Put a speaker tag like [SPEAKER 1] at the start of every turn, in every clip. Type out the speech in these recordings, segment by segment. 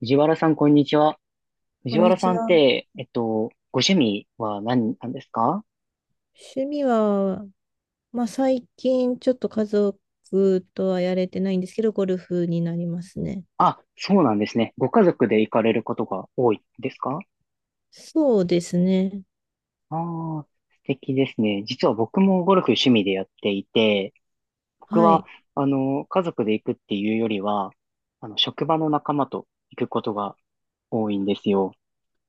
[SPEAKER 1] 藤原さん、こんにちは。
[SPEAKER 2] こ
[SPEAKER 1] 藤
[SPEAKER 2] んに
[SPEAKER 1] 原
[SPEAKER 2] ち
[SPEAKER 1] さんっ
[SPEAKER 2] は。
[SPEAKER 1] て、ご趣味は何なんですか？
[SPEAKER 2] 趣味は、まあ、最近ちょっと家族とはやれてないんですけど、ゴルフになりますね。
[SPEAKER 1] あ、そうなんですね。ご家族で行かれることが多いですか？
[SPEAKER 2] そうですね。
[SPEAKER 1] ああー、素敵ですね。実は僕もゴルフ趣味でやっていて、僕
[SPEAKER 2] は
[SPEAKER 1] は、
[SPEAKER 2] い。
[SPEAKER 1] 家族で行くっていうよりは、職場の仲間と行くことが多いんですよ。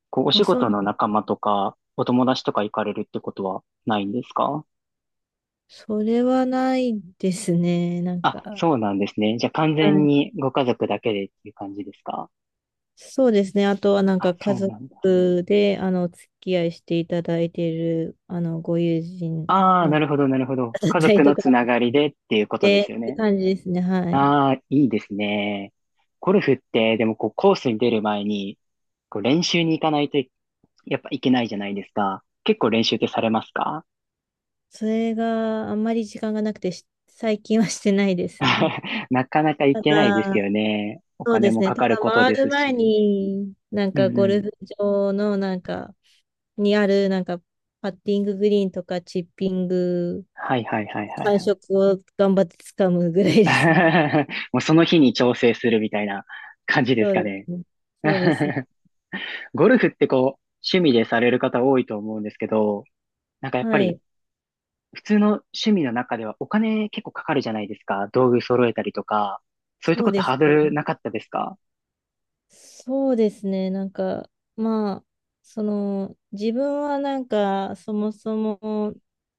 [SPEAKER 1] こう、お
[SPEAKER 2] あ、
[SPEAKER 1] 仕
[SPEAKER 2] そう
[SPEAKER 1] 事の
[SPEAKER 2] なん、
[SPEAKER 1] 仲間とか、お友達とか行かれるってことはないんですか？
[SPEAKER 2] それはないですね。なん
[SPEAKER 1] あ、
[SPEAKER 2] か、
[SPEAKER 1] そうなんですね。じゃあ完
[SPEAKER 2] は
[SPEAKER 1] 全
[SPEAKER 2] い。
[SPEAKER 1] にご家族だけでっていう感じですか？
[SPEAKER 2] そうですね。あとはなん
[SPEAKER 1] あ、
[SPEAKER 2] か家
[SPEAKER 1] そう
[SPEAKER 2] 族
[SPEAKER 1] なんだ。
[SPEAKER 2] で、お付き合いしていただいている、ご友人
[SPEAKER 1] ああ、
[SPEAKER 2] の
[SPEAKER 1] なるほど、なるほ ど。
[SPEAKER 2] 方だっ
[SPEAKER 1] 家
[SPEAKER 2] たり
[SPEAKER 1] 族
[SPEAKER 2] と
[SPEAKER 1] の
[SPEAKER 2] か
[SPEAKER 1] つながりでっていうことで
[SPEAKER 2] で、
[SPEAKER 1] す
[SPEAKER 2] っ
[SPEAKER 1] よ
[SPEAKER 2] て
[SPEAKER 1] ね。
[SPEAKER 2] 感じですね。はい。
[SPEAKER 1] ああ、いいですね。ゴルフって、でもこうコースに出る前に、こう練習に行かないとやっぱいけないじゃないですか。結構練習ってされますか？
[SPEAKER 2] それがあんまり時間がなくてし、最近はしてないですね。
[SPEAKER 1] なかなか行
[SPEAKER 2] た
[SPEAKER 1] けないです
[SPEAKER 2] だ、
[SPEAKER 1] よね。お
[SPEAKER 2] そうで
[SPEAKER 1] 金
[SPEAKER 2] す
[SPEAKER 1] も
[SPEAKER 2] ね。
[SPEAKER 1] か
[SPEAKER 2] た
[SPEAKER 1] か
[SPEAKER 2] だ
[SPEAKER 1] ること
[SPEAKER 2] 回
[SPEAKER 1] で
[SPEAKER 2] る
[SPEAKER 1] す
[SPEAKER 2] 前
[SPEAKER 1] し。
[SPEAKER 2] に、なん
[SPEAKER 1] う
[SPEAKER 2] か
[SPEAKER 1] んう
[SPEAKER 2] ゴル
[SPEAKER 1] ん。
[SPEAKER 2] フ場のなんか、にあるなんか、パッティンググリーンとかチッピング、
[SPEAKER 1] はいはいはいは
[SPEAKER 2] 感
[SPEAKER 1] い
[SPEAKER 2] 触を頑張って掴むぐらい
[SPEAKER 1] はい。
[SPEAKER 2] ですね。
[SPEAKER 1] もうその日に調整するみたいな感じで
[SPEAKER 2] そ
[SPEAKER 1] す
[SPEAKER 2] う
[SPEAKER 1] か
[SPEAKER 2] で
[SPEAKER 1] ね。
[SPEAKER 2] すね。そうですね。
[SPEAKER 1] ゴルフってこう、趣味でされる方多いと思うんですけど、なんかやっぱ
[SPEAKER 2] は
[SPEAKER 1] り
[SPEAKER 2] い。
[SPEAKER 1] 普通の趣味の中ではお金結構かかるじゃないですか。道具揃えたりとか。そういう
[SPEAKER 2] そ
[SPEAKER 1] とこ
[SPEAKER 2] う
[SPEAKER 1] って
[SPEAKER 2] で
[SPEAKER 1] ハ
[SPEAKER 2] す
[SPEAKER 1] ードル
[SPEAKER 2] ね。
[SPEAKER 1] なかったですか？
[SPEAKER 2] そうですね。なんか、まあ、その、自分はなんか、そもそも、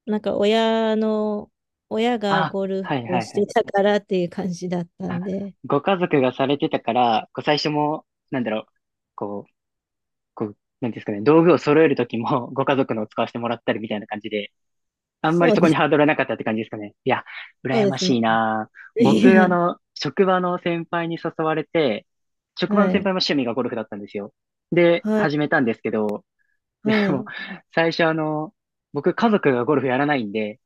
[SPEAKER 2] なんか親が
[SPEAKER 1] あ、
[SPEAKER 2] ゴル
[SPEAKER 1] はい
[SPEAKER 2] フ
[SPEAKER 1] はい
[SPEAKER 2] し
[SPEAKER 1] は
[SPEAKER 2] て
[SPEAKER 1] い。
[SPEAKER 2] たからっていう感じだった
[SPEAKER 1] あ、
[SPEAKER 2] んで、
[SPEAKER 1] ご家族がされてたから、こう最初も、なんだろう、こう、こう、なんていうんですかね、道具を揃えるときもご家族のを使わせてもらったりみたいな感じであんまり
[SPEAKER 2] そう
[SPEAKER 1] そこ
[SPEAKER 2] で
[SPEAKER 1] に
[SPEAKER 2] す。
[SPEAKER 1] ハードルはなかったって感じですかね。いや、
[SPEAKER 2] そう
[SPEAKER 1] 羨
[SPEAKER 2] で
[SPEAKER 1] ま
[SPEAKER 2] す
[SPEAKER 1] し
[SPEAKER 2] ね。
[SPEAKER 1] いな。
[SPEAKER 2] い
[SPEAKER 1] 僕、
[SPEAKER 2] や、
[SPEAKER 1] 職場の先輩に誘われて、職場の
[SPEAKER 2] は
[SPEAKER 1] 先輩
[SPEAKER 2] い、
[SPEAKER 1] も趣味がゴルフだったんですよ。で、
[SPEAKER 2] はい、
[SPEAKER 1] 始めたんですけど、で
[SPEAKER 2] は
[SPEAKER 1] も、
[SPEAKER 2] い、
[SPEAKER 1] 最初僕家族がゴルフやらないんで、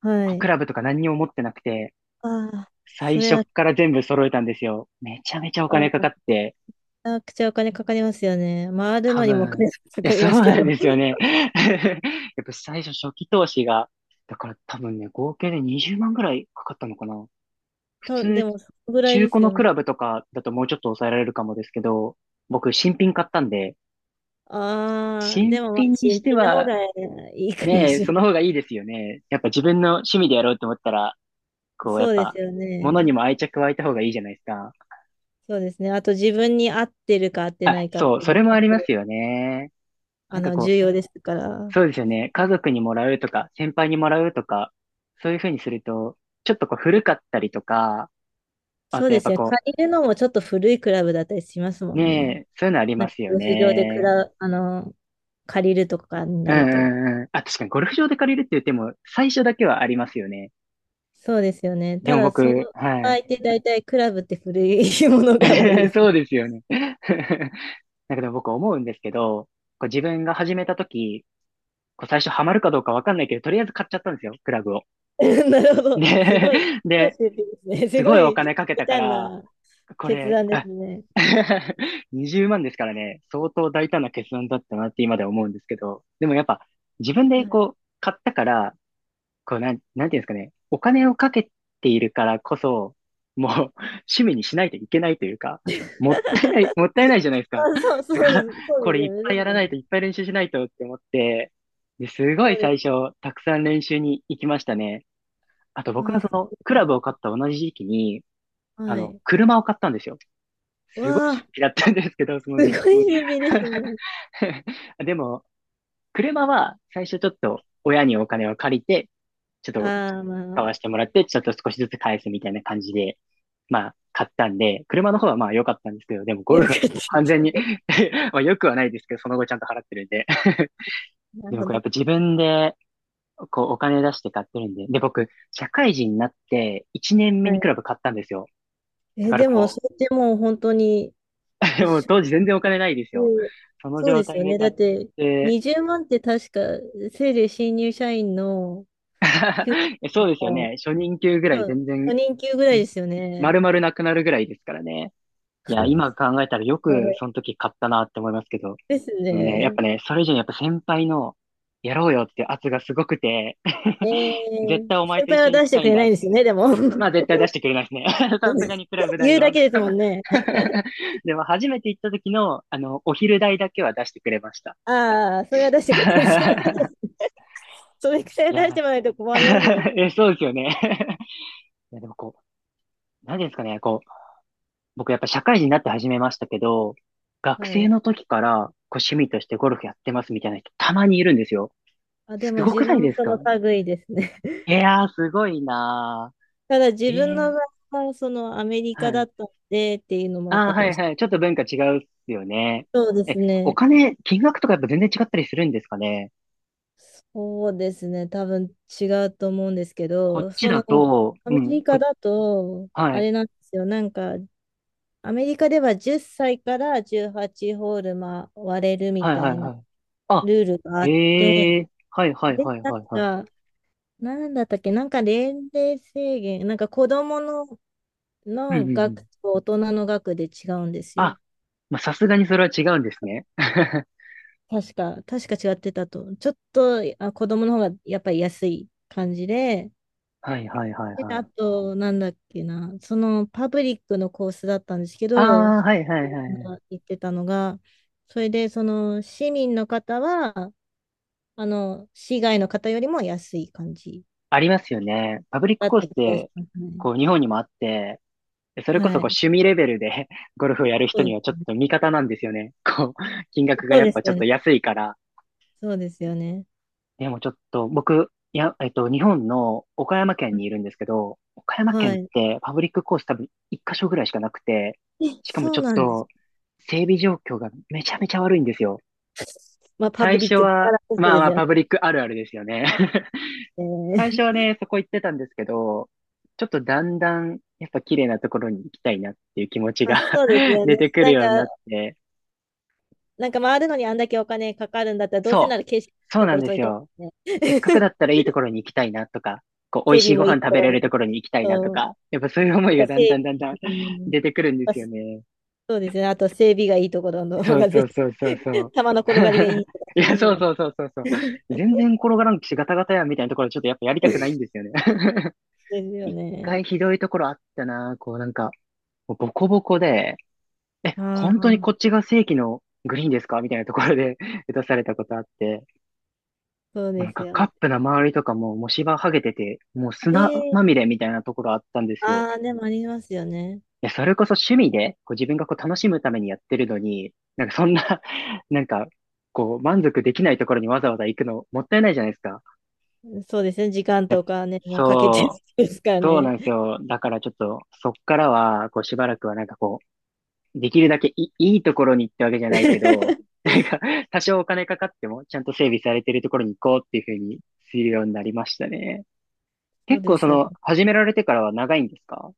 [SPEAKER 2] は
[SPEAKER 1] こうク
[SPEAKER 2] い。
[SPEAKER 1] ラブとか何にも持ってなくて、
[SPEAKER 2] ああ、そ
[SPEAKER 1] 最
[SPEAKER 2] れ
[SPEAKER 1] 初
[SPEAKER 2] は、
[SPEAKER 1] から全部揃えたんですよ。めちゃめちゃお
[SPEAKER 2] あ
[SPEAKER 1] 金かか
[SPEAKER 2] ー、
[SPEAKER 1] って、
[SPEAKER 2] めちゃくちゃお金かかりますよね。回る
[SPEAKER 1] 多
[SPEAKER 2] のにもお
[SPEAKER 1] 分、
[SPEAKER 2] 金
[SPEAKER 1] い
[SPEAKER 2] か
[SPEAKER 1] や、
[SPEAKER 2] かり
[SPEAKER 1] そう
[SPEAKER 2] ますけ
[SPEAKER 1] な
[SPEAKER 2] ど。
[SPEAKER 1] んですよ ね。やっぱ最初初期投資が、だから多分ね、合計で20万ぐらいかかったのかな。普
[SPEAKER 2] と、で
[SPEAKER 1] 通、
[SPEAKER 2] も、そのぐらい
[SPEAKER 1] 中
[SPEAKER 2] で
[SPEAKER 1] 古
[SPEAKER 2] す
[SPEAKER 1] の
[SPEAKER 2] よ
[SPEAKER 1] ク
[SPEAKER 2] ね。
[SPEAKER 1] ラブとかだともうちょっと抑えられるかもですけど、僕、新品買ったんで、
[SPEAKER 2] ああ、で
[SPEAKER 1] 新
[SPEAKER 2] も、まあ、
[SPEAKER 1] 品に
[SPEAKER 2] 新
[SPEAKER 1] して
[SPEAKER 2] 品の方
[SPEAKER 1] は、
[SPEAKER 2] がいいかも
[SPEAKER 1] ね、
[SPEAKER 2] しれ
[SPEAKER 1] その
[SPEAKER 2] な
[SPEAKER 1] 方がいいですよね。やっぱ自分の趣味でやろうと思ったら、
[SPEAKER 2] い。
[SPEAKER 1] こう、や
[SPEAKER 2] そ
[SPEAKER 1] っ
[SPEAKER 2] うで
[SPEAKER 1] ぱ、
[SPEAKER 2] すよ
[SPEAKER 1] 物
[SPEAKER 2] ね。
[SPEAKER 1] にも愛着湧いた方がいいじゃないですか。
[SPEAKER 2] そうですね。あと、自分に合ってるか合ってな
[SPEAKER 1] あ、
[SPEAKER 2] いかっ
[SPEAKER 1] そう、
[SPEAKER 2] ていう
[SPEAKER 1] そ
[SPEAKER 2] のも
[SPEAKER 1] れもあ
[SPEAKER 2] 結
[SPEAKER 1] ります
[SPEAKER 2] 構、
[SPEAKER 1] よね。なんかこう、
[SPEAKER 2] 重要ですから。
[SPEAKER 1] そうですよね。家族にもらうとか、先輩にもらうとか、そういう風にすると、ちょっとこう古かったりとか、あ
[SPEAKER 2] そう
[SPEAKER 1] とや
[SPEAKER 2] で
[SPEAKER 1] っ
[SPEAKER 2] す
[SPEAKER 1] ぱ
[SPEAKER 2] ね。
[SPEAKER 1] こ
[SPEAKER 2] 借りるのもちょっと古いクラブだったりしますも
[SPEAKER 1] う、
[SPEAKER 2] ん
[SPEAKER 1] ね
[SPEAKER 2] ね。
[SPEAKER 1] え、そういうのあり
[SPEAKER 2] なん
[SPEAKER 1] ま
[SPEAKER 2] か、
[SPEAKER 1] す
[SPEAKER 2] ゴ
[SPEAKER 1] よ
[SPEAKER 2] ルフ場でク
[SPEAKER 1] ね。
[SPEAKER 2] ラ、あの、借りるとかに
[SPEAKER 1] う
[SPEAKER 2] な
[SPEAKER 1] ん
[SPEAKER 2] ると。
[SPEAKER 1] うんうん。あ、確かにゴルフ場で借りるって言っても、最初だけはありますよね。
[SPEAKER 2] そうですよね。
[SPEAKER 1] で
[SPEAKER 2] た
[SPEAKER 1] も
[SPEAKER 2] だ、その
[SPEAKER 1] 僕、は
[SPEAKER 2] 場合
[SPEAKER 1] い。
[SPEAKER 2] って大体クラブって古いものが多いで す。
[SPEAKER 1] そうですよね。だけど僕思うんですけど、こう自分が始めた時、こう最初ハマるかどうかわかんないけど、とりあえず買っちゃったんですよ、クラブを。
[SPEAKER 2] なるほ
[SPEAKER 1] で、
[SPEAKER 2] ど。すごい、す ごい
[SPEAKER 1] で、
[SPEAKER 2] 出品ですね。す
[SPEAKER 1] す
[SPEAKER 2] ご
[SPEAKER 1] ごいお
[SPEAKER 2] い、み
[SPEAKER 1] 金かけたか
[SPEAKER 2] た
[SPEAKER 1] ら、
[SPEAKER 2] な
[SPEAKER 1] こ
[SPEAKER 2] 決
[SPEAKER 1] れ、
[SPEAKER 2] 断です
[SPEAKER 1] あ
[SPEAKER 2] ね。
[SPEAKER 1] 20万ですからね、相当大胆な決断だったなって今では思うんですけど、でもやっぱ自分
[SPEAKER 2] は
[SPEAKER 1] で
[SPEAKER 2] い
[SPEAKER 1] こう買ったから、こうなん、なんていうんですかね。お金をかけているからこそ、もう 趣味にしないといけないというか、もったいない、もったいないじゃないですか。
[SPEAKER 2] あ、そう、そ
[SPEAKER 1] だから、
[SPEAKER 2] う、そう
[SPEAKER 1] こ
[SPEAKER 2] です
[SPEAKER 1] れい
[SPEAKER 2] よ
[SPEAKER 1] っ
[SPEAKER 2] ね。そ
[SPEAKER 1] ぱいや
[SPEAKER 2] う
[SPEAKER 1] ら
[SPEAKER 2] で
[SPEAKER 1] ないと、
[SPEAKER 2] す。
[SPEAKER 1] いっぱい練習しないとって思って、ですご
[SPEAKER 2] そ
[SPEAKER 1] い
[SPEAKER 2] うで
[SPEAKER 1] 最
[SPEAKER 2] す。
[SPEAKER 1] 初、たくさん練習に行きましたね。あと僕は
[SPEAKER 2] あ、
[SPEAKER 1] その、クラブを
[SPEAKER 2] そ
[SPEAKER 1] 買った同じ時期に、
[SPEAKER 2] うはい。
[SPEAKER 1] 車を買ったんですよ。すごい
[SPEAKER 2] わ
[SPEAKER 1] 出
[SPEAKER 2] あ、
[SPEAKER 1] 費だったんですけど、その
[SPEAKER 2] す
[SPEAKER 1] 時期。
[SPEAKER 2] ごい準備ですね。
[SPEAKER 1] でも、車は最初ちょっと親にお金を借りて、ちょっと
[SPEAKER 2] ああ、ま
[SPEAKER 1] 買
[SPEAKER 2] あ、
[SPEAKER 1] わしてもらって、ちょっと少しずつ返すみたいな感じで、まあ、買ったんで、車の方はまあ良かったんですけど、でもゴ
[SPEAKER 2] よ
[SPEAKER 1] ル
[SPEAKER 2] かっ
[SPEAKER 1] フは 完全に
[SPEAKER 2] た。
[SPEAKER 1] まあ良くはないですけど、その後ちゃんと払ってるんで。
[SPEAKER 2] なる
[SPEAKER 1] でも
[SPEAKER 2] ほ
[SPEAKER 1] これや
[SPEAKER 2] ど。
[SPEAKER 1] っぱ自分で、こうお金出して買ってるんで。で、僕、社会人になって1年目
[SPEAKER 2] は
[SPEAKER 1] に
[SPEAKER 2] い。
[SPEAKER 1] クラブ買ったんですよ。だ
[SPEAKER 2] え、
[SPEAKER 1] から
[SPEAKER 2] でも、
[SPEAKER 1] こ
[SPEAKER 2] それってもう本当に、
[SPEAKER 1] う、もう当時全然お金ないです
[SPEAKER 2] う
[SPEAKER 1] よ。
[SPEAKER 2] ん
[SPEAKER 1] その
[SPEAKER 2] そうで
[SPEAKER 1] 状
[SPEAKER 2] す
[SPEAKER 1] 態
[SPEAKER 2] よ
[SPEAKER 1] で
[SPEAKER 2] ね。だ
[SPEAKER 1] 買っ
[SPEAKER 2] って、
[SPEAKER 1] て、
[SPEAKER 2] 20万って確か、せいぜい新入社員の給
[SPEAKER 1] そうですよ
[SPEAKER 2] 料
[SPEAKER 1] ね。初任給ぐら
[SPEAKER 2] の、
[SPEAKER 1] い
[SPEAKER 2] うん
[SPEAKER 1] 全然、
[SPEAKER 2] 初
[SPEAKER 1] ん
[SPEAKER 2] 任給ぐらいですよ
[SPEAKER 1] 丸
[SPEAKER 2] ね。
[SPEAKER 1] 々なくなるぐらいですからね。いや、今考えたらよ
[SPEAKER 2] やば
[SPEAKER 1] く
[SPEAKER 2] い
[SPEAKER 1] その時買ったなって思いますけど、
[SPEAKER 2] です
[SPEAKER 1] でもね、やっ
[SPEAKER 2] ね。
[SPEAKER 1] ぱね、それ以上にやっぱ先輩の、やろうよって圧がすごくて、
[SPEAKER 2] え
[SPEAKER 1] 絶
[SPEAKER 2] ー、
[SPEAKER 1] 対お前
[SPEAKER 2] 先
[SPEAKER 1] と一
[SPEAKER 2] 輩は
[SPEAKER 1] 緒に行
[SPEAKER 2] 出
[SPEAKER 1] き
[SPEAKER 2] し
[SPEAKER 1] た
[SPEAKER 2] て
[SPEAKER 1] い
[SPEAKER 2] く
[SPEAKER 1] ん
[SPEAKER 2] れ
[SPEAKER 1] だ
[SPEAKER 2] な
[SPEAKER 1] っ
[SPEAKER 2] いんですよ
[SPEAKER 1] て。
[SPEAKER 2] ね、でも。
[SPEAKER 1] まあ絶対出してくれないですね。さすがにクラブ 代
[SPEAKER 2] 言うだ
[SPEAKER 1] は。
[SPEAKER 2] けですもんね。
[SPEAKER 1] でも初めて行った時の、お昼代だけは出してくれました。
[SPEAKER 2] ああ、それは出してくれてるんですね それくらい
[SPEAKER 1] い
[SPEAKER 2] 出して
[SPEAKER 1] や、
[SPEAKER 2] もらわないと困りますよね。
[SPEAKER 1] え、そうですよね。いや、でもこう、何ですかね、こう、僕やっぱ社会人になって始めましたけど、学
[SPEAKER 2] は
[SPEAKER 1] 生
[SPEAKER 2] い。
[SPEAKER 1] の時からこう趣味としてゴルフやってますみたいな人たまにいるんですよ。
[SPEAKER 2] あ、で
[SPEAKER 1] す
[SPEAKER 2] も
[SPEAKER 1] ご
[SPEAKER 2] 自
[SPEAKER 1] くない
[SPEAKER 2] 分も
[SPEAKER 1] です
[SPEAKER 2] その
[SPEAKER 1] か？
[SPEAKER 2] 類ですね。
[SPEAKER 1] いやー、すごいな
[SPEAKER 2] ただ
[SPEAKER 1] ー。
[SPEAKER 2] 自
[SPEAKER 1] え
[SPEAKER 2] 分の場
[SPEAKER 1] え
[SPEAKER 2] 合はそのアメリ
[SPEAKER 1] は
[SPEAKER 2] カだっ
[SPEAKER 1] い。
[SPEAKER 2] たんでっていうのもあっ
[SPEAKER 1] あ
[SPEAKER 2] た
[SPEAKER 1] ー
[SPEAKER 2] か
[SPEAKER 1] は
[SPEAKER 2] も
[SPEAKER 1] い
[SPEAKER 2] しれ
[SPEAKER 1] はい。ちょっと文化違うっすよね。
[SPEAKER 2] ない。そうで
[SPEAKER 1] え、
[SPEAKER 2] す
[SPEAKER 1] お
[SPEAKER 2] ね。
[SPEAKER 1] 金、金額とかやっぱ全然違ったりするんですかね？
[SPEAKER 2] そうですね。多分違うと思うんですけ
[SPEAKER 1] こっ
[SPEAKER 2] ど、
[SPEAKER 1] ちだと、
[SPEAKER 2] ア
[SPEAKER 1] う
[SPEAKER 2] メリ
[SPEAKER 1] ん、こ、
[SPEAKER 2] カだと、
[SPEAKER 1] は
[SPEAKER 2] あ
[SPEAKER 1] い、
[SPEAKER 2] れなんですよ。なんか、アメリカでは10歳から18ホール回れるみ
[SPEAKER 1] はいは
[SPEAKER 2] た
[SPEAKER 1] い
[SPEAKER 2] いな
[SPEAKER 1] はい。あ、
[SPEAKER 2] ルールがあって、
[SPEAKER 1] ええはいはい
[SPEAKER 2] で、
[SPEAKER 1] はい
[SPEAKER 2] な
[SPEAKER 1] はいはい。
[SPEAKER 2] んか、なんだったっけ、なんか年齢制限、なんか子供の、
[SPEAKER 1] うんうん
[SPEAKER 2] の
[SPEAKER 1] う
[SPEAKER 2] 額
[SPEAKER 1] ん。
[SPEAKER 2] と大人の額で違うんですよ。
[SPEAKER 1] あ、まあ、さすがにそれは違うんですね。は
[SPEAKER 2] 確か、確か違ってたと。ちょっと、あ、子供の方がやっぱり安い感じで、
[SPEAKER 1] いはいはいは
[SPEAKER 2] であ
[SPEAKER 1] い。
[SPEAKER 2] と、なんだっけな、そのパブリックのコースだったんですけ
[SPEAKER 1] あ
[SPEAKER 2] ど、
[SPEAKER 1] あ、はいはいはいはい。
[SPEAKER 2] 言ってたのが、それで、その市民の方は、市外の方よりも安い感じ
[SPEAKER 1] ありますよね。パブリック
[SPEAKER 2] だっ
[SPEAKER 1] コース
[SPEAKER 2] た
[SPEAKER 1] っ
[SPEAKER 2] 気がし
[SPEAKER 1] て、
[SPEAKER 2] ますね。
[SPEAKER 1] こう日本にもあって、それこそ
[SPEAKER 2] は
[SPEAKER 1] こう
[SPEAKER 2] い。
[SPEAKER 1] 趣味レベルで ゴルフをやる
[SPEAKER 2] そう
[SPEAKER 1] 人
[SPEAKER 2] で
[SPEAKER 1] にはちょっ
[SPEAKER 2] す。
[SPEAKER 1] と味方なんですよね。こう、金額が
[SPEAKER 2] そう
[SPEAKER 1] やっ
[SPEAKER 2] です
[SPEAKER 1] ぱちょ
[SPEAKER 2] よ
[SPEAKER 1] っ
[SPEAKER 2] ね。
[SPEAKER 1] と安いから。
[SPEAKER 2] そうですよね。
[SPEAKER 1] でもちょっと僕、いや、日本の岡山県にいるんですけど、岡山
[SPEAKER 2] は
[SPEAKER 1] 県っ
[SPEAKER 2] い。
[SPEAKER 1] てパブリックコース多分一箇所ぐらいしかなくて、
[SPEAKER 2] え、
[SPEAKER 1] しかも
[SPEAKER 2] そ
[SPEAKER 1] ち
[SPEAKER 2] う
[SPEAKER 1] ょっ
[SPEAKER 2] なんです。
[SPEAKER 1] と整備状況がめちゃめちゃ悪いんですよ。
[SPEAKER 2] まあ、パブ
[SPEAKER 1] 最
[SPEAKER 2] リッ
[SPEAKER 1] 初
[SPEAKER 2] クだか
[SPEAKER 1] は、
[SPEAKER 2] らこそ
[SPEAKER 1] まあ
[SPEAKER 2] で
[SPEAKER 1] ま
[SPEAKER 2] す
[SPEAKER 1] あ
[SPEAKER 2] よね。
[SPEAKER 1] パブリックあるあるですよね。
[SPEAKER 2] え
[SPEAKER 1] 最初は
[SPEAKER 2] ー
[SPEAKER 1] ね、そこ行ってたんですけど、ちょっとだんだん、やっぱ綺麗なところに行きたいなっていう気持 ち
[SPEAKER 2] まあ、
[SPEAKER 1] が
[SPEAKER 2] そうです よね。
[SPEAKER 1] 出てくるようになって、
[SPEAKER 2] なんか回るのにあんだけお金かかるんだったら、どうせ
[SPEAKER 1] そ
[SPEAKER 2] な
[SPEAKER 1] う、
[SPEAKER 2] ら景色
[SPEAKER 1] そう
[SPEAKER 2] のと
[SPEAKER 1] な
[SPEAKER 2] こ
[SPEAKER 1] ん
[SPEAKER 2] ろ
[SPEAKER 1] です
[SPEAKER 2] 取りた
[SPEAKER 1] よ。
[SPEAKER 2] い
[SPEAKER 1] せっ
[SPEAKER 2] で
[SPEAKER 1] か
[SPEAKER 2] す
[SPEAKER 1] くだ
[SPEAKER 2] ね。
[SPEAKER 1] ったらいいところに行きたいなとか、こう、美
[SPEAKER 2] 整
[SPEAKER 1] 味し
[SPEAKER 2] 備
[SPEAKER 1] いご
[SPEAKER 2] もい
[SPEAKER 1] 飯
[SPEAKER 2] いと
[SPEAKER 1] 食
[SPEAKER 2] こ
[SPEAKER 1] べ
[SPEAKER 2] ろ
[SPEAKER 1] れ
[SPEAKER 2] に。
[SPEAKER 1] るところに行きたいなと
[SPEAKER 2] うん。
[SPEAKER 1] か、やっぱそういう思い
[SPEAKER 2] だか
[SPEAKER 1] が
[SPEAKER 2] ら
[SPEAKER 1] だんだん
[SPEAKER 2] 整
[SPEAKER 1] だんだん
[SPEAKER 2] 備、う ん。
[SPEAKER 1] 出てくるんで
[SPEAKER 2] まあ、
[SPEAKER 1] す
[SPEAKER 2] そ
[SPEAKER 1] よね。
[SPEAKER 2] うですね。あと整備がいいところの方
[SPEAKER 1] そう
[SPEAKER 2] が
[SPEAKER 1] そ
[SPEAKER 2] 絶
[SPEAKER 1] うそうそう
[SPEAKER 2] 対、
[SPEAKER 1] そ う。
[SPEAKER 2] 球の転がりがいい とかっ
[SPEAKER 1] い
[SPEAKER 2] てま
[SPEAKER 1] や、
[SPEAKER 2] す
[SPEAKER 1] そう
[SPEAKER 2] もん。
[SPEAKER 1] そうそうそうそ う。
[SPEAKER 2] で
[SPEAKER 1] 全然転がらんし、ガタガタやんみたいなところちょっとやっぱやりたくないんですよね。
[SPEAKER 2] すよ
[SPEAKER 1] 一
[SPEAKER 2] ね。
[SPEAKER 1] 回ひどいところあったな、こうなんか、もうボコボコで、え、
[SPEAKER 2] あ
[SPEAKER 1] 本当にこっ
[SPEAKER 2] あ、
[SPEAKER 1] ちが正規のグリーンですかみたいなところで 打たされたことあって、
[SPEAKER 2] そう
[SPEAKER 1] もう
[SPEAKER 2] で
[SPEAKER 1] なん
[SPEAKER 2] す
[SPEAKER 1] か
[SPEAKER 2] よ
[SPEAKER 1] カ
[SPEAKER 2] ね。
[SPEAKER 1] ップの周りとかももう芝剥げてて、もう砂
[SPEAKER 2] え
[SPEAKER 1] まみ
[SPEAKER 2] え
[SPEAKER 1] れみたいなところあったんですよ。
[SPEAKER 2] ああ、でもありますよね。
[SPEAKER 1] いや、それこそ趣味で、こう自分がこう楽しむためにやってるのに、なんかそんな なんか、こう満足できないところにわざわざ行くのもったいないじゃないですか。
[SPEAKER 2] そうですね。時間
[SPEAKER 1] え、
[SPEAKER 2] とかね、もうかけて
[SPEAKER 1] そう、
[SPEAKER 2] ですから
[SPEAKER 1] そうな
[SPEAKER 2] ね。
[SPEAKER 1] んですよ。だからちょっと、そっからは、こうしばらくはなんかこう、できるだけいいいところに行ってわけじゃないけど、なんか、多少お金かかっても、ちゃんと整備されてるところに行こうっていうふうにするようになりましたね。
[SPEAKER 2] そう
[SPEAKER 1] 結
[SPEAKER 2] で
[SPEAKER 1] 構そ
[SPEAKER 2] すよ
[SPEAKER 1] の、
[SPEAKER 2] ね。
[SPEAKER 1] 始められてからは長いんですか？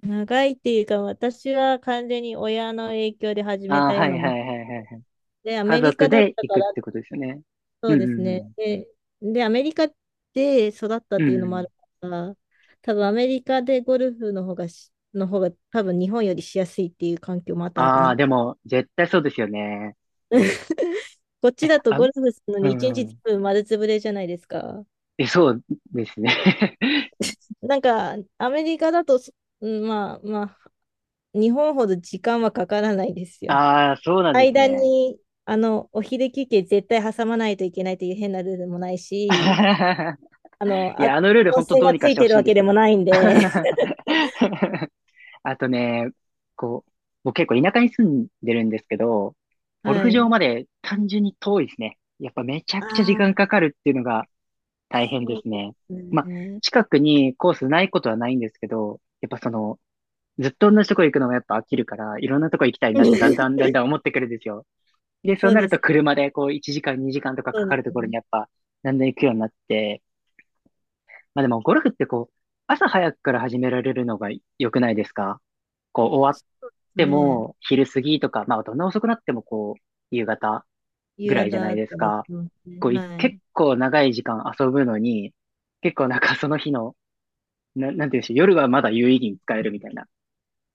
[SPEAKER 2] 長いっていうか、私は完全に親の影響で始め
[SPEAKER 1] ああ
[SPEAKER 2] た
[SPEAKER 1] ー、
[SPEAKER 2] よ
[SPEAKER 1] は
[SPEAKER 2] うな
[SPEAKER 1] い
[SPEAKER 2] も
[SPEAKER 1] は
[SPEAKER 2] ん
[SPEAKER 1] いはいはいはい。
[SPEAKER 2] で、ア
[SPEAKER 1] 家
[SPEAKER 2] メリ
[SPEAKER 1] 族
[SPEAKER 2] カだっ
[SPEAKER 1] で
[SPEAKER 2] た
[SPEAKER 1] 行
[SPEAKER 2] か
[SPEAKER 1] くっ
[SPEAKER 2] ら、
[SPEAKER 1] てことですよね。
[SPEAKER 2] そ
[SPEAKER 1] うん
[SPEAKER 2] うで
[SPEAKER 1] う
[SPEAKER 2] すね。
[SPEAKER 1] ん
[SPEAKER 2] で、アメリカで育ったっ
[SPEAKER 1] うん。う
[SPEAKER 2] ていうのもあ
[SPEAKER 1] ん。
[SPEAKER 2] るから、多分アメリカでゴルフの方がし、の方が多分日本よりしやすいっていう環境もあったのか
[SPEAKER 1] あ
[SPEAKER 2] なっ
[SPEAKER 1] あ、で
[SPEAKER 2] て。
[SPEAKER 1] も、絶対そうですよね。
[SPEAKER 2] こっち
[SPEAKER 1] え、
[SPEAKER 2] だと
[SPEAKER 1] あ、
[SPEAKER 2] ゴルフするの
[SPEAKER 1] う
[SPEAKER 2] に一日ず
[SPEAKER 1] ん。
[SPEAKER 2] つ丸つぶれじゃないですか。
[SPEAKER 1] え、そうですね。
[SPEAKER 2] なんか、アメリカだとそ、うんまあまあ、日本ほど時間はかからないですよ。
[SPEAKER 1] ああ、そうなんです
[SPEAKER 2] 間
[SPEAKER 1] ね。
[SPEAKER 2] に、お昼休憩絶対挟まないといけないという変なルールもないし、あの、
[SPEAKER 1] い
[SPEAKER 2] あ、
[SPEAKER 1] や、あのルール
[SPEAKER 2] 温
[SPEAKER 1] 本当
[SPEAKER 2] 泉
[SPEAKER 1] どう
[SPEAKER 2] が
[SPEAKER 1] に
[SPEAKER 2] つ
[SPEAKER 1] かし
[SPEAKER 2] い
[SPEAKER 1] てほ
[SPEAKER 2] てる
[SPEAKER 1] しいん
[SPEAKER 2] わ
[SPEAKER 1] で
[SPEAKER 2] け
[SPEAKER 1] す
[SPEAKER 2] でも
[SPEAKER 1] よ。
[SPEAKER 2] ないんで、
[SPEAKER 1] あとね、こう、僕結構田舎に住んでるんですけど、ゴル
[SPEAKER 2] は
[SPEAKER 1] フ場
[SPEAKER 2] い。
[SPEAKER 1] まで単純に遠いですね。やっぱめちゃ
[SPEAKER 2] あ
[SPEAKER 1] くちゃ時間
[SPEAKER 2] あ、
[SPEAKER 1] かかるっていうのが大変で
[SPEAKER 2] そう
[SPEAKER 1] す
[SPEAKER 2] で
[SPEAKER 1] ね。ま
[SPEAKER 2] す
[SPEAKER 1] あ、
[SPEAKER 2] ね。
[SPEAKER 1] 近くにコースないことはないんですけど、やっぱその、ずっと同じとこ行くのもやっぱ飽きるから、いろんなとこ行きたいなってだんだんだん だん思ってくるんですよ。で、そ
[SPEAKER 2] そ
[SPEAKER 1] う
[SPEAKER 2] う
[SPEAKER 1] な
[SPEAKER 2] で
[SPEAKER 1] る
[SPEAKER 2] す。
[SPEAKER 1] と車でこう1時間2時間とか
[SPEAKER 2] そ
[SPEAKER 1] か
[SPEAKER 2] うで
[SPEAKER 1] かると
[SPEAKER 2] す
[SPEAKER 1] ころ
[SPEAKER 2] ね。
[SPEAKER 1] にやっぱだんだん行くようになって、まあでもゴルフってこう、朝早くから始められるのが良くないですか？こう、終わ
[SPEAKER 2] ち
[SPEAKER 1] っ
[SPEAKER 2] ょっと
[SPEAKER 1] て
[SPEAKER 2] ね、
[SPEAKER 1] も、昼過ぎとか、まあ、どんな遅くなっても、こう、夕方ぐ
[SPEAKER 2] 夕
[SPEAKER 1] らいじゃな
[SPEAKER 2] 方
[SPEAKER 1] い
[SPEAKER 2] と
[SPEAKER 1] です
[SPEAKER 2] かで
[SPEAKER 1] か。
[SPEAKER 2] すね。
[SPEAKER 1] こう、い
[SPEAKER 2] は
[SPEAKER 1] 結
[SPEAKER 2] い。
[SPEAKER 1] 構長い時間遊ぶのに、結構なんかその日の、な、なんていうんでしょう、夜はまだ有意義に使えるみたいな。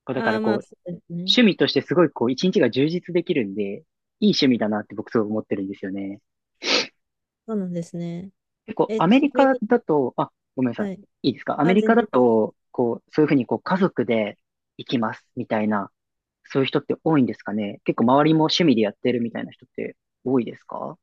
[SPEAKER 1] こう、だか
[SPEAKER 2] ああ、
[SPEAKER 1] らこ
[SPEAKER 2] まあ、
[SPEAKER 1] う、
[SPEAKER 2] そうですね。
[SPEAKER 1] 趣味としてすごいこう、一日が充実できるんで、いい趣味だなって僕すごい思ってるんですよね。
[SPEAKER 2] そうなんですね。
[SPEAKER 1] 結構、
[SPEAKER 2] え、
[SPEAKER 1] アメ
[SPEAKER 2] ちな
[SPEAKER 1] リ
[SPEAKER 2] み
[SPEAKER 1] カ
[SPEAKER 2] に、
[SPEAKER 1] だと、あ、ごめんなさ
[SPEAKER 2] はい。
[SPEAKER 1] い。いいですか？アメ
[SPEAKER 2] あ、
[SPEAKER 1] リカ
[SPEAKER 2] 全
[SPEAKER 1] だ
[SPEAKER 2] 然大丈夫。
[SPEAKER 1] と、こう、そういうふうにこう、家族で行きますみたいな、そういう人って多いんですかね。結構周りも趣味でやってるみたいな人って多いですか？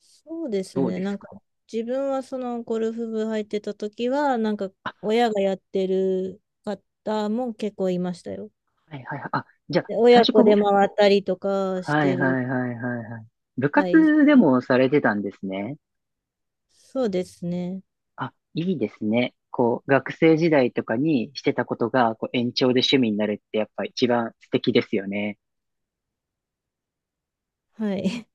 [SPEAKER 2] そうです
[SPEAKER 1] どう
[SPEAKER 2] ね。
[SPEAKER 1] で
[SPEAKER 2] な
[SPEAKER 1] す
[SPEAKER 2] んか、
[SPEAKER 1] か？
[SPEAKER 2] 自分はそのゴルフ部入ってた時は、なんか、
[SPEAKER 1] あ、
[SPEAKER 2] 親がやってる方も結構いましたよ。
[SPEAKER 1] はいはいはい。あ、じゃあ、
[SPEAKER 2] で、
[SPEAKER 1] 最
[SPEAKER 2] 親
[SPEAKER 1] 初
[SPEAKER 2] 子
[SPEAKER 1] こ
[SPEAKER 2] で
[SPEAKER 1] う、
[SPEAKER 2] 回ったりとかし
[SPEAKER 1] は
[SPEAKER 2] て
[SPEAKER 1] い
[SPEAKER 2] る。
[SPEAKER 1] はいはいはいはい。部
[SPEAKER 2] はい。
[SPEAKER 1] 活でもされてたんですね。
[SPEAKER 2] そうですね。
[SPEAKER 1] あ、いいですね。こう、学生時代とかにしてたことが、こう、延長で趣味になるってやっぱ一番素敵ですよね。
[SPEAKER 2] はい。